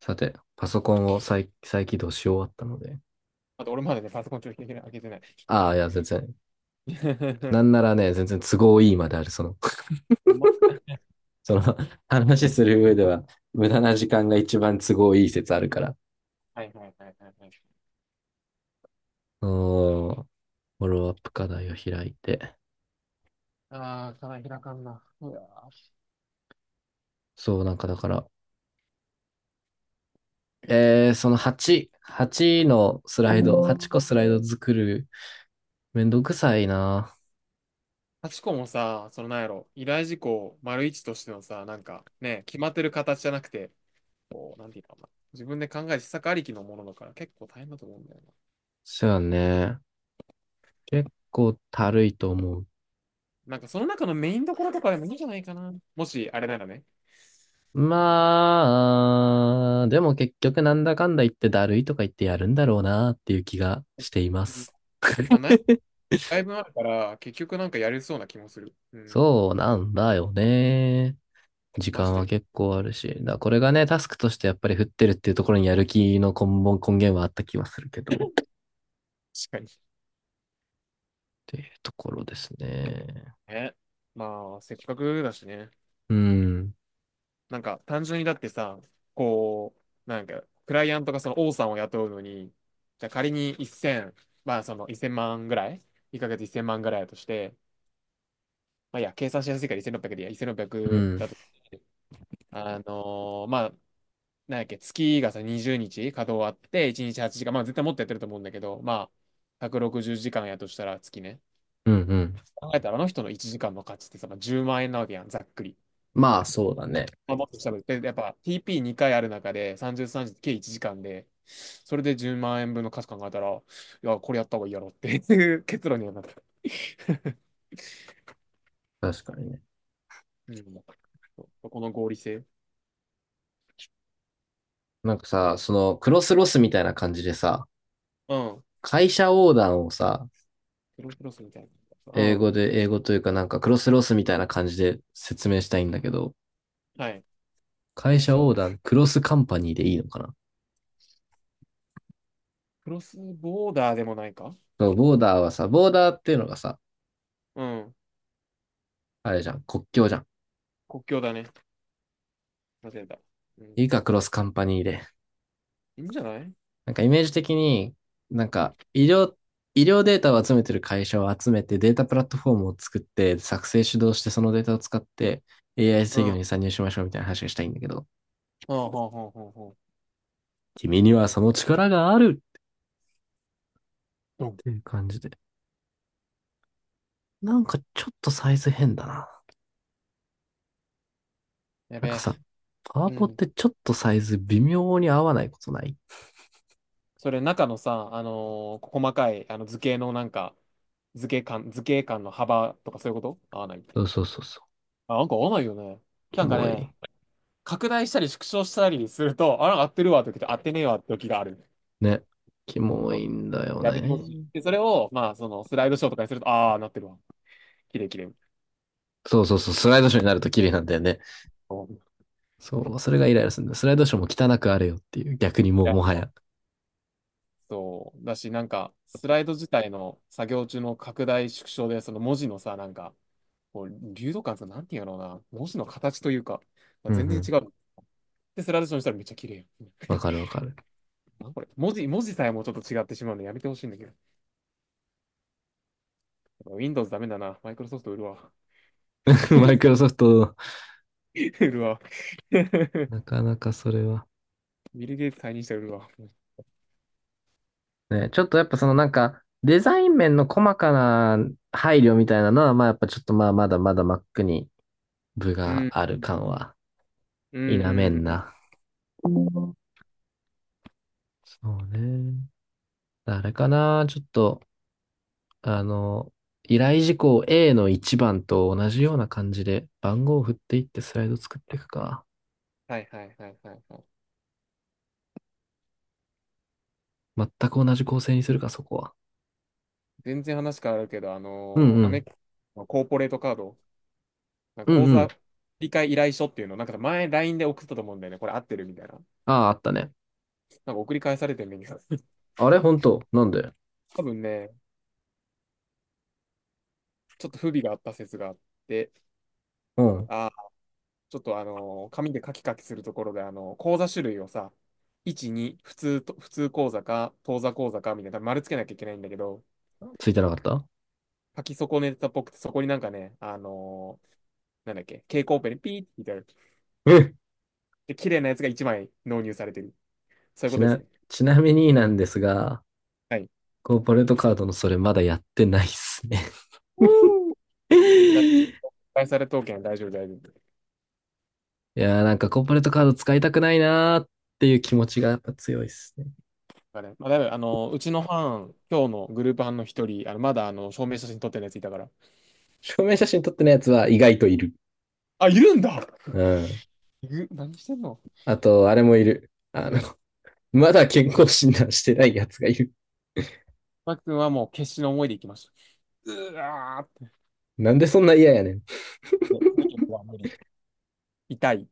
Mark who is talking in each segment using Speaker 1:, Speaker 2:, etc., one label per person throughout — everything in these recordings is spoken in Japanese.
Speaker 1: さて、パソコンを再再起動し終わったので。
Speaker 2: あと俺まだね、パソコンちょっと開けてない。ちょっと。
Speaker 1: ああ、いや、全然。なんならね、全然都合いいまである。
Speaker 2: ほんま、
Speaker 1: その、話する上では、無駄な時間が一番都合いい説あるから。
Speaker 2: はいはいはいはいはい。
Speaker 1: うーん、フォローアップ課題を開いて。
Speaker 2: ああ、課題開かんな。うわー、
Speaker 1: そう、なんかだから、8個スライド作る、めんどくさいな。
Speaker 2: ハチコもさ、そのなんやろ、依頼事項丸一としてのさ、なんかね、決まってる形じゃなくて、こう、なんていうのかな。自分で考える施策ありきのものだから結構大変だと思うんだよな。
Speaker 1: そうやね。結構たるいと思う。
Speaker 2: なんかその中のメインどころとかでもいいんじゃないかな。もし、あれならね。うん、
Speaker 1: まあ、でも結局なんだかんだ言ってだるいとか言ってやるんだろうなっていう気がしています。
Speaker 2: まあ、ない、だいぶあるから、結局なんかやれそうな気もする。うん。
Speaker 1: そうなんだよね。時
Speaker 2: マジ
Speaker 1: 間は
Speaker 2: で。
Speaker 1: 結構あるし。だからこれがね、タスクとしてやっぱり振ってるっていうところにやる気の根本、根源はあった気はするけど。っ
Speaker 2: 確かに。
Speaker 1: ていうところですね。
Speaker 2: ね、まあ、せっかくだしね。
Speaker 1: うん。
Speaker 2: なんか、単純にだってさ、こう、なんか、クライアントがその王さんを雇うのに、じゃあ仮に1000、まあ、その1000万ぐらい？ 1 ヶ月1000万ぐらいだとして、まあ、いいや、計算しやすいから1600でいいや、
Speaker 1: う
Speaker 2: 1600
Speaker 1: ん。
Speaker 2: だと、あのまあ、なんやっけ、月がさ、20日稼働あって、1日8時間、まあ、絶対もっとやってると思うんだけど、まあ、160時間やとしたら月ね。
Speaker 1: うんうん。
Speaker 2: 考えたら、あの人の1時間の価値ってさ、まあ、10万円なわけやん、ざっくり。
Speaker 1: まあ、そうだね。
Speaker 2: まあ、もっとしたぶで、やっぱ TP2 回ある中で30、30、30計1時間で、それで10万円分の価値考えたら、いや、これやった方がいいやろっていう結論にはなった。
Speaker 1: 確かにね。
Speaker 2: うん、そうこの合理性。
Speaker 1: なんかさ、
Speaker 2: そ
Speaker 1: その、クロスロスみたいな感じでさ、
Speaker 2: う、うん。
Speaker 1: 会社横断をさ、
Speaker 2: クロスクロスみたいな。うん。
Speaker 1: 英語というかなんかクロスロスみたいな感じで説明したいんだけど、
Speaker 2: はい。
Speaker 1: 会
Speaker 2: 最
Speaker 1: 社オ
Speaker 2: 初、
Speaker 1: ーダー、クロスカンパニーでいいのかな？
Speaker 2: クロスボーダーでもないか。
Speaker 1: そうボーダーはさ、ボーダーっていうのがさ、
Speaker 2: うん。
Speaker 1: あれじゃん、国境じゃん。
Speaker 2: 国境だね。間違えた。うん。
Speaker 1: いいか、クロスカンパニーで。
Speaker 2: いいんじゃない。
Speaker 1: なんかイメージ的に、なんか医療、医療データを集めてる会社を集めてデータプラットフォームを作って作成主導してそのデータを使って AI
Speaker 2: う
Speaker 1: 制御
Speaker 2: ん。
Speaker 1: に参入しましょうみたいな話がしたいんだけど、
Speaker 2: ほうほうほうほうほう。
Speaker 1: 君にはその力があるっ
Speaker 2: ドン。
Speaker 1: ていう感じで。なんかちょっとサイズ変だな。
Speaker 2: や
Speaker 1: な
Speaker 2: べ
Speaker 1: んか
Speaker 2: え。
Speaker 1: さ、パワ
Speaker 2: う
Speaker 1: ポっ
Speaker 2: ん。
Speaker 1: てちょっとサイズ微妙に合わないことない？
Speaker 2: それ中のさ、細かいあの図形のなんか、図形間の幅とかそういうこと合わないって。
Speaker 1: そうそうそうそ
Speaker 2: あ、なんか合わないよね。
Speaker 1: うキ
Speaker 2: なんか
Speaker 1: モ
Speaker 2: ね、
Speaker 1: い。
Speaker 2: 拡大したり縮小したりすると、あ、なんか合ってるわって時と合ってねえわって時がある。
Speaker 1: ね。キモ
Speaker 2: そう、
Speaker 1: いんだよ
Speaker 2: やめてほしい。
Speaker 1: ね。
Speaker 2: で、それを、まあ、その、スライドショーとかにすると、ああ、なってるわ。綺麗綺麗。
Speaker 1: そうそうそう。スライドショーになると綺麗なんだよね。
Speaker 2: そうい
Speaker 1: そう、それがイライラするんだ。スライドショーも汚くあれよっていう、逆にもうもは
Speaker 2: や、
Speaker 1: や。
Speaker 2: そうだし、なんか、スライド自体の作業中の拡大縮小で、その文字のさ、なんか、こう、流動感さ、なんていうんやろうな、文字の形というか、ま
Speaker 1: う
Speaker 2: あ、
Speaker 1: んう
Speaker 2: 全然違
Speaker 1: ん
Speaker 2: う。で、スライドショーにしたらめっちゃ綺麗やん。
Speaker 1: わかるわかる。
Speaker 2: なんこれ。文字さえもちょっと違ってしまうのやめてほしいんだけど。Windows ダメだな。マイクロソフト売るわ。
Speaker 1: マイクロソフト、
Speaker 2: 売るわ。
Speaker 1: なかなかそれは。
Speaker 2: ビル・ゲイツ退任したら売るわ。
Speaker 1: ね、ちょっとやっぱそのなんか、デザイン面の細かな配慮みたいなのは、まあやっぱちょっとまあまだまだ Mac に部
Speaker 2: う
Speaker 1: が
Speaker 2: ん。
Speaker 1: あ
Speaker 2: う
Speaker 1: る
Speaker 2: ん。
Speaker 1: 感は
Speaker 2: う
Speaker 1: 否め
Speaker 2: ん。
Speaker 1: ん
Speaker 2: うん、
Speaker 1: な。うんそうね。あれかな、ちょっと、あの、依頼事項 A の1番と同じような感じで番号を振っていってスライド作っていくか。
Speaker 2: はいはいはいはいはい。
Speaker 1: 全く同じ構成にするか、そこは。
Speaker 2: 全然話変わるけど、あ
Speaker 1: うん
Speaker 2: の
Speaker 1: う
Speaker 2: ーア
Speaker 1: ん。
Speaker 2: メ、コーポレートカード、なんか
Speaker 1: うん
Speaker 2: 口
Speaker 1: う
Speaker 2: 座
Speaker 1: ん。
Speaker 2: 理解依頼書っていうの、なんか前 LINE で送ったと思うんだよね。これ合ってるみたいな。
Speaker 1: ああ、あったね。
Speaker 2: なんか送り返されてるんだけど。
Speaker 1: あれ本当なんで？
Speaker 2: 多分ね、ちょっと不備があった説があって、
Speaker 1: うん。
Speaker 2: あーちょっとあの、紙でカキカキするところで、あの、口座種類をさ、1、2、普通と、普通口座か、当座口座か、みたいな、丸つけなきゃいけないんだけど、
Speaker 1: ついてなかった？
Speaker 2: 書き損ねたっぽくて、そこになんかね、なんだっけ、蛍光ペンでピーってみたいな。
Speaker 1: え、
Speaker 2: で、綺麗なやつが1枚納入されてる。そういうこ
Speaker 1: ち
Speaker 2: とです
Speaker 1: な、
Speaker 2: ね。
Speaker 1: ちなみになんですが、
Speaker 2: はい。
Speaker 1: コーポレートカードのそれまだやってないっすね。
Speaker 2: うん、だ、 返され刀剣大丈夫、大丈夫。
Speaker 1: いやーなんかコーポレートカード使いたくないなーっていう気持ちがやっぱ強いっすね。
Speaker 2: だからね、まあ、だいぶ、あの、うちの班、今日のグループ班の一人、あの、まだ、あの、証明写真撮ってるやついたから。
Speaker 1: 証明写真撮ってないやつは意外といる。
Speaker 2: あ、いるんだ。
Speaker 1: うん。
Speaker 2: いる、何してんの。
Speaker 1: あと、あれもいる。あの、まだ健康診断してないやつがいる。
Speaker 2: マーク君はもう決死の思いで行きました。うわーって、
Speaker 1: なんでそんな嫌やねん。
Speaker 2: もうは無理。痛い。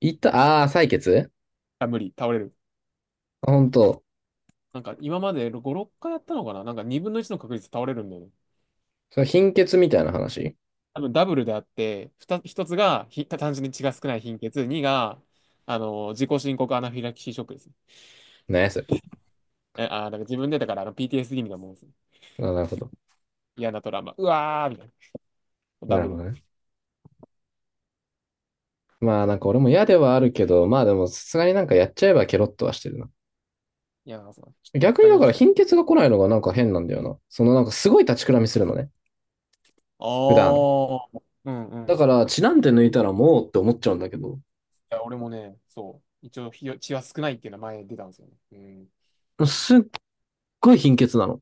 Speaker 1: いた、採血。
Speaker 2: あ、無理。倒れる。
Speaker 1: あ、ほんと。
Speaker 2: なんか今まで5、6回やったのかな、なんか2分の1の確率で倒れるんだよね。
Speaker 1: その貧血みたいな話。
Speaker 2: 多分ダブルであって、ふた1つがひ単純に血が少ない貧血、2が、あの、自己申告アナフィラキシーショックですね。
Speaker 1: 何やそれ。
Speaker 2: え、だから自分でだからあの PTSD みたいなもんですね。
Speaker 1: あ、なるほど。
Speaker 2: 嫌なトラウマ。うわーみたいな。ダ
Speaker 1: なる
Speaker 2: ブ
Speaker 1: ほ
Speaker 2: ル。
Speaker 1: どね。まあなんか俺も嫌ではあるけど、まあでもさすがになんかやっちゃえばケロッとはしてるな。
Speaker 2: いやー、そうちょっと3
Speaker 1: 逆に
Speaker 2: 日
Speaker 1: だ
Speaker 2: 用意
Speaker 1: か
Speaker 2: し
Speaker 1: ら
Speaker 2: ちゃう。
Speaker 1: 貧血が来ないのがなんか変なんだよな。そのなんかすごい立ちくらみするのね。普段。
Speaker 2: ああ、うんう
Speaker 1: だ
Speaker 2: ん。い
Speaker 1: から血なんて抜いたらもうって思っちゃうんだけど、
Speaker 2: や、俺もね、そう。一応、ひよ血は少ないっていうのは前出たんですよね。うん。
Speaker 1: すっごい貧血なの。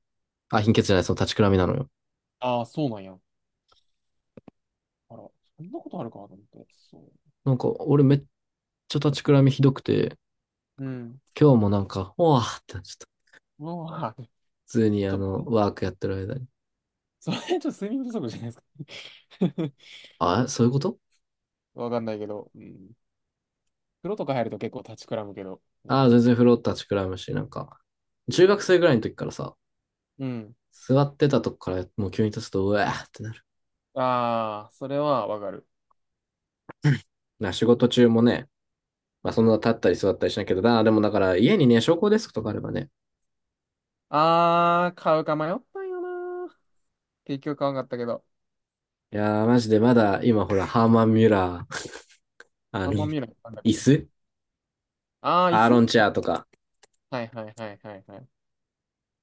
Speaker 1: あ、貧血じゃない、その立ちくらみなのよ。
Speaker 2: ああ、そうなんや。あら、そんなことあるかと思って。そ
Speaker 1: なんか、俺めっちゃ立ちくらみひどくて、
Speaker 2: う。うん。
Speaker 1: 今日もなんか、おわーってなっちゃった。
Speaker 2: もう、は。
Speaker 1: 普通に
Speaker 2: ち
Speaker 1: あ
Speaker 2: ょっと、
Speaker 1: の、ワークやってる間に。
Speaker 2: それちょっと睡眠不足じゃないですか。
Speaker 1: あ、そういうこと？
Speaker 2: わかんないけど、うん。風呂とか入ると結構立ちくらむけど。う
Speaker 1: あ、全
Speaker 2: ん。
Speaker 1: 然風呂立ちくらむし、なんか、中学生ぐらいの時からさ、
Speaker 2: うん。
Speaker 1: 座ってたとこからもう急に立つと、うわーってなる。
Speaker 2: ああ、それはわかる。
Speaker 1: な、仕事中もね、まあそんな立ったり座ったりしないけど、でもだから家にね、昇降デスクとかあればね、
Speaker 2: ああ、買うか迷ったんよな。結局買わなかったけど。
Speaker 1: いやー、マジでまだ今ほら、ハーマン・ミュラー、あ
Speaker 2: あ
Speaker 1: の、
Speaker 2: んま見ない。なんだっ
Speaker 1: 椅
Speaker 2: け。
Speaker 1: 子
Speaker 2: ああ、椅
Speaker 1: アーロ
Speaker 2: 子、
Speaker 1: ンチェアとか、
Speaker 2: はいはいはいはいはい。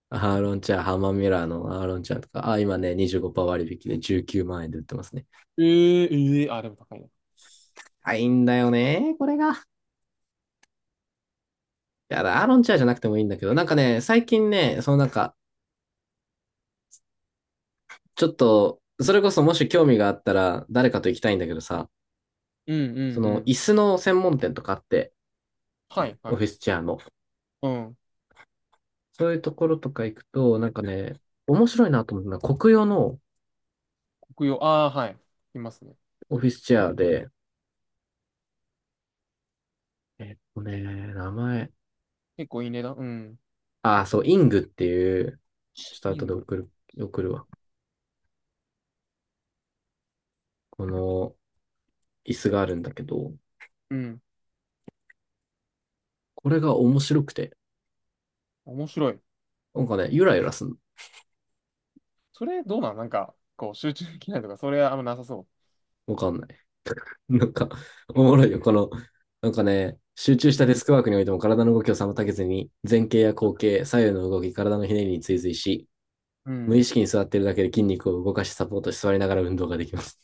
Speaker 1: アーロンチャーハーマンミュラーのアーロンチャーとか、あ、今ね、25%割引で19万円で売ってますね。
Speaker 2: ええええ、あ、でも高いな。
Speaker 1: あ、いいんだよね、これが。いや、アーロンチャーじゃなくてもいいんだけど、なんかね、最近ね、そのなんか、ちょっと、それこそもし興味があったら、誰かと行きたいんだけどさ、
Speaker 2: うんう
Speaker 1: そ
Speaker 2: んう
Speaker 1: の、椅
Speaker 2: ん。
Speaker 1: 子の専門店とかあって、
Speaker 2: はい
Speaker 1: オ
Speaker 2: は
Speaker 1: フィ
Speaker 2: い。
Speaker 1: スチェアの。
Speaker 2: うん。
Speaker 1: そういうところとか行くと、なんかね、面白いなと思うのは、国用の
Speaker 2: 国用。ああ、はい。いますね。
Speaker 1: オフィスチェアで、えっとね、名前、
Speaker 2: 結構いい値段。うん。
Speaker 1: あ、そう、イングっていう、ちょっ
Speaker 2: リ
Speaker 1: と後
Speaker 2: ン
Speaker 1: で
Speaker 2: グ。
Speaker 1: 送る、送るわ。この、椅子があるんだけど、
Speaker 2: うん。
Speaker 1: これが面白くて、
Speaker 2: 面白い。
Speaker 1: なんかね、ゆらゆらすんの。
Speaker 2: それどうなんなんか、こう、集中できないとか、それはあんまなさそ
Speaker 1: わかんない。なんか、おもろいよ。この、なんかね、集中し
Speaker 2: う。う
Speaker 1: たデ
Speaker 2: ん。
Speaker 1: スクワークにおいても体の動きを妨げずに、前傾や後傾、左右の動き、体のひねりに追随し、
Speaker 2: う
Speaker 1: 無
Speaker 2: ん。
Speaker 1: 意識に座ってるだけで筋肉を動かしサポートし座りながら運動ができます。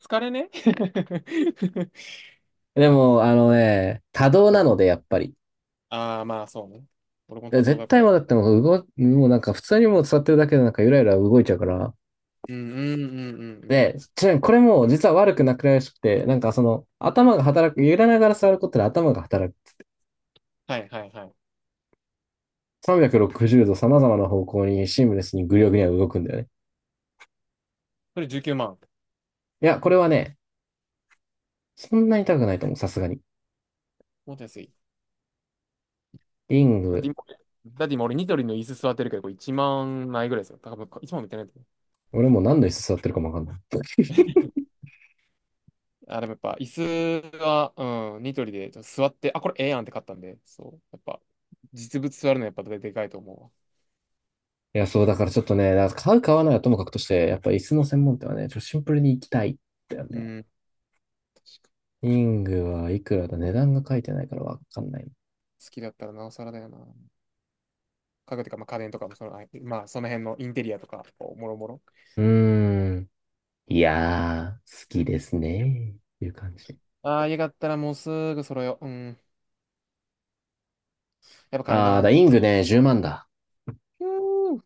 Speaker 2: 疲れね。
Speaker 1: でも、あのね、多動
Speaker 2: う
Speaker 1: な
Speaker 2: ん。
Speaker 1: ので、やっぱり。
Speaker 2: ああ、まあそうね。俺も多動
Speaker 1: 絶
Speaker 2: だか
Speaker 1: 対
Speaker 2: ら。
Speaker 1: もだってもう動、もうなんか普通にもう座ってるだけでなんかゆらゆら動いちゃうから、
Speaker 2: うん、うん、うん、うん、うん。
Speaker 1: で、ちなみにこれも実は悪くなくらいしくて、なんかその頭が働く、揺らながら座ることで頭が働く。
Speaker 2: はいはいはい。
Speaker 1: 360度様々な方向にシームレスにぐりょぐりょ動くんだよね。
Speaker 2: それ19万。
Speaker 1: いや、これはね、そんなに痛くないと思う、さすがに。
Speaker 2: もっと安い。
Speaker 1: リン
Speaker 2: だって
Speaker 1: グ、
Speaker 2: 今、だって今、俺ニトリの椅子座ってるけど、これ1万ないぐらいですよ。多分1万もいってないと思う。
Speaker 1: 俺もう何の椅子座ってるかもわかんない。
Speaker 2: あ、でもやっぱ椅子は、うん、ニトリでちょっと座って、あ、これええやんって買ったんで、そう。やっぱ、実物座るのやっぱでかいと思
Speaker 1: いや、そう、だからちょっとね、だから買う買わないはともかくとして、やっぱ椅子の専門店はね、ちょっとシンプルに行きたいんだよ
Speaker 2: うわ。う
Speaker 1: ね。
Speaker 2: ん。
Speaker 1: リングはいくらだ、値段が書いてないからわかんない。
Speaker 2: 好きだったらなおさらだよな。家具とか、まあ、家電とかもその、あ、まあ、その辺のインテリアとか、こうもろもろ。
Speaker 1: うーん。いやー、好きですね。っていう感じで。
Speaker 2: ああ、家買ったらもうすぐ揃えよう。うん。やっぱ金だ
Speaker 1: ああ、
Speaker 2: な。
Speaker 1: イングね、10万だ。
Speaker 2: ひゅー、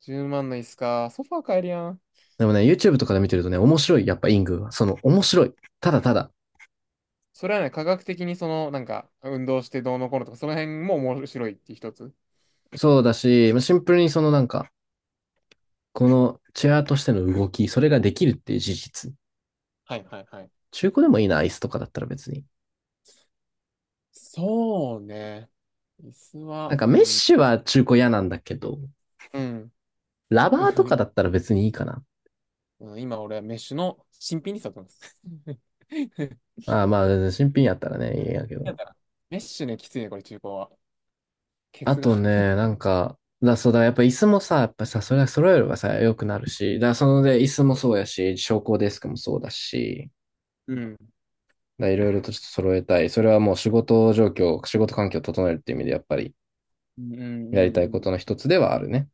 Speaker 2: 10万の椅子か。ソファー買えるやん。
Speaker 1: でもね、YouTube とかで見てるとね、面白い。やっぱイングは。その、面白い。ただただ。
Speaker 2: それはね、科学的にその、なんか、運動してどうのこうのとか、その辺も面白いって一つ。
Speaker 1: そうだし、まあシンプルにそのなんか、このチェアとしての動き、それができるっていう事実。
Speaker 2: はいはいはい。
Speaker 1: 中古でもいいな、アイスとかだったら別に。
Speaker 2: そうね。椅子
Speaker 1: な
Speaker 2: は、
Speaker 1: んか
Speaker 2: う
Speaker 1: メッ
Speaker 2: ん、
Speaker 1: シは中古嫌なんだけど、
Speaker 2: うん。
Speaker 1: ラバーと かだったら別にいいかな。
Speaker 2: うん、今俺はメッシュの新品に座ってます。
Speaker 1: ああ、まあ、新品やったらね、いいやけ
Speaker 2: だ
Speaker 1: ど。
Speaker 2: からメッシュね、きついね、これ中古は。ケ
Speaker 1: あ
Speaker 2: ツが。
Speaker 1: とね、なんか、そうだ、やっぱ椅子もさ、やっぱさ、それは揃えればさ、良くなるし、そので、椅子もそうやし、昇降デスクもそうだし、
Speaker 2: うん。
Speaker 1: だからいろいろとちょっと揃えたい。それはもう仕事状況、仕事環境を整えるっていう意味で、やっぱり
Speaker 2: うんうんう
Speaker 1: やりたい
Speaker 2: ん
Speaker 1: こ
Speaker 2: うん。
Speaker 1: との一つではあるね。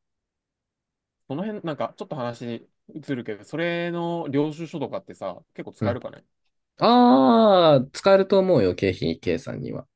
Speaker 2: その辺、なんか、ちょっと話移るけど、それの領収書とかってさ、結構
Speaker 1: う
Speaker 2: 使える
Speaker 1: ん。
Speaker 2: かね
Speaker 1: ああ、使えると思うよ、経費計算には。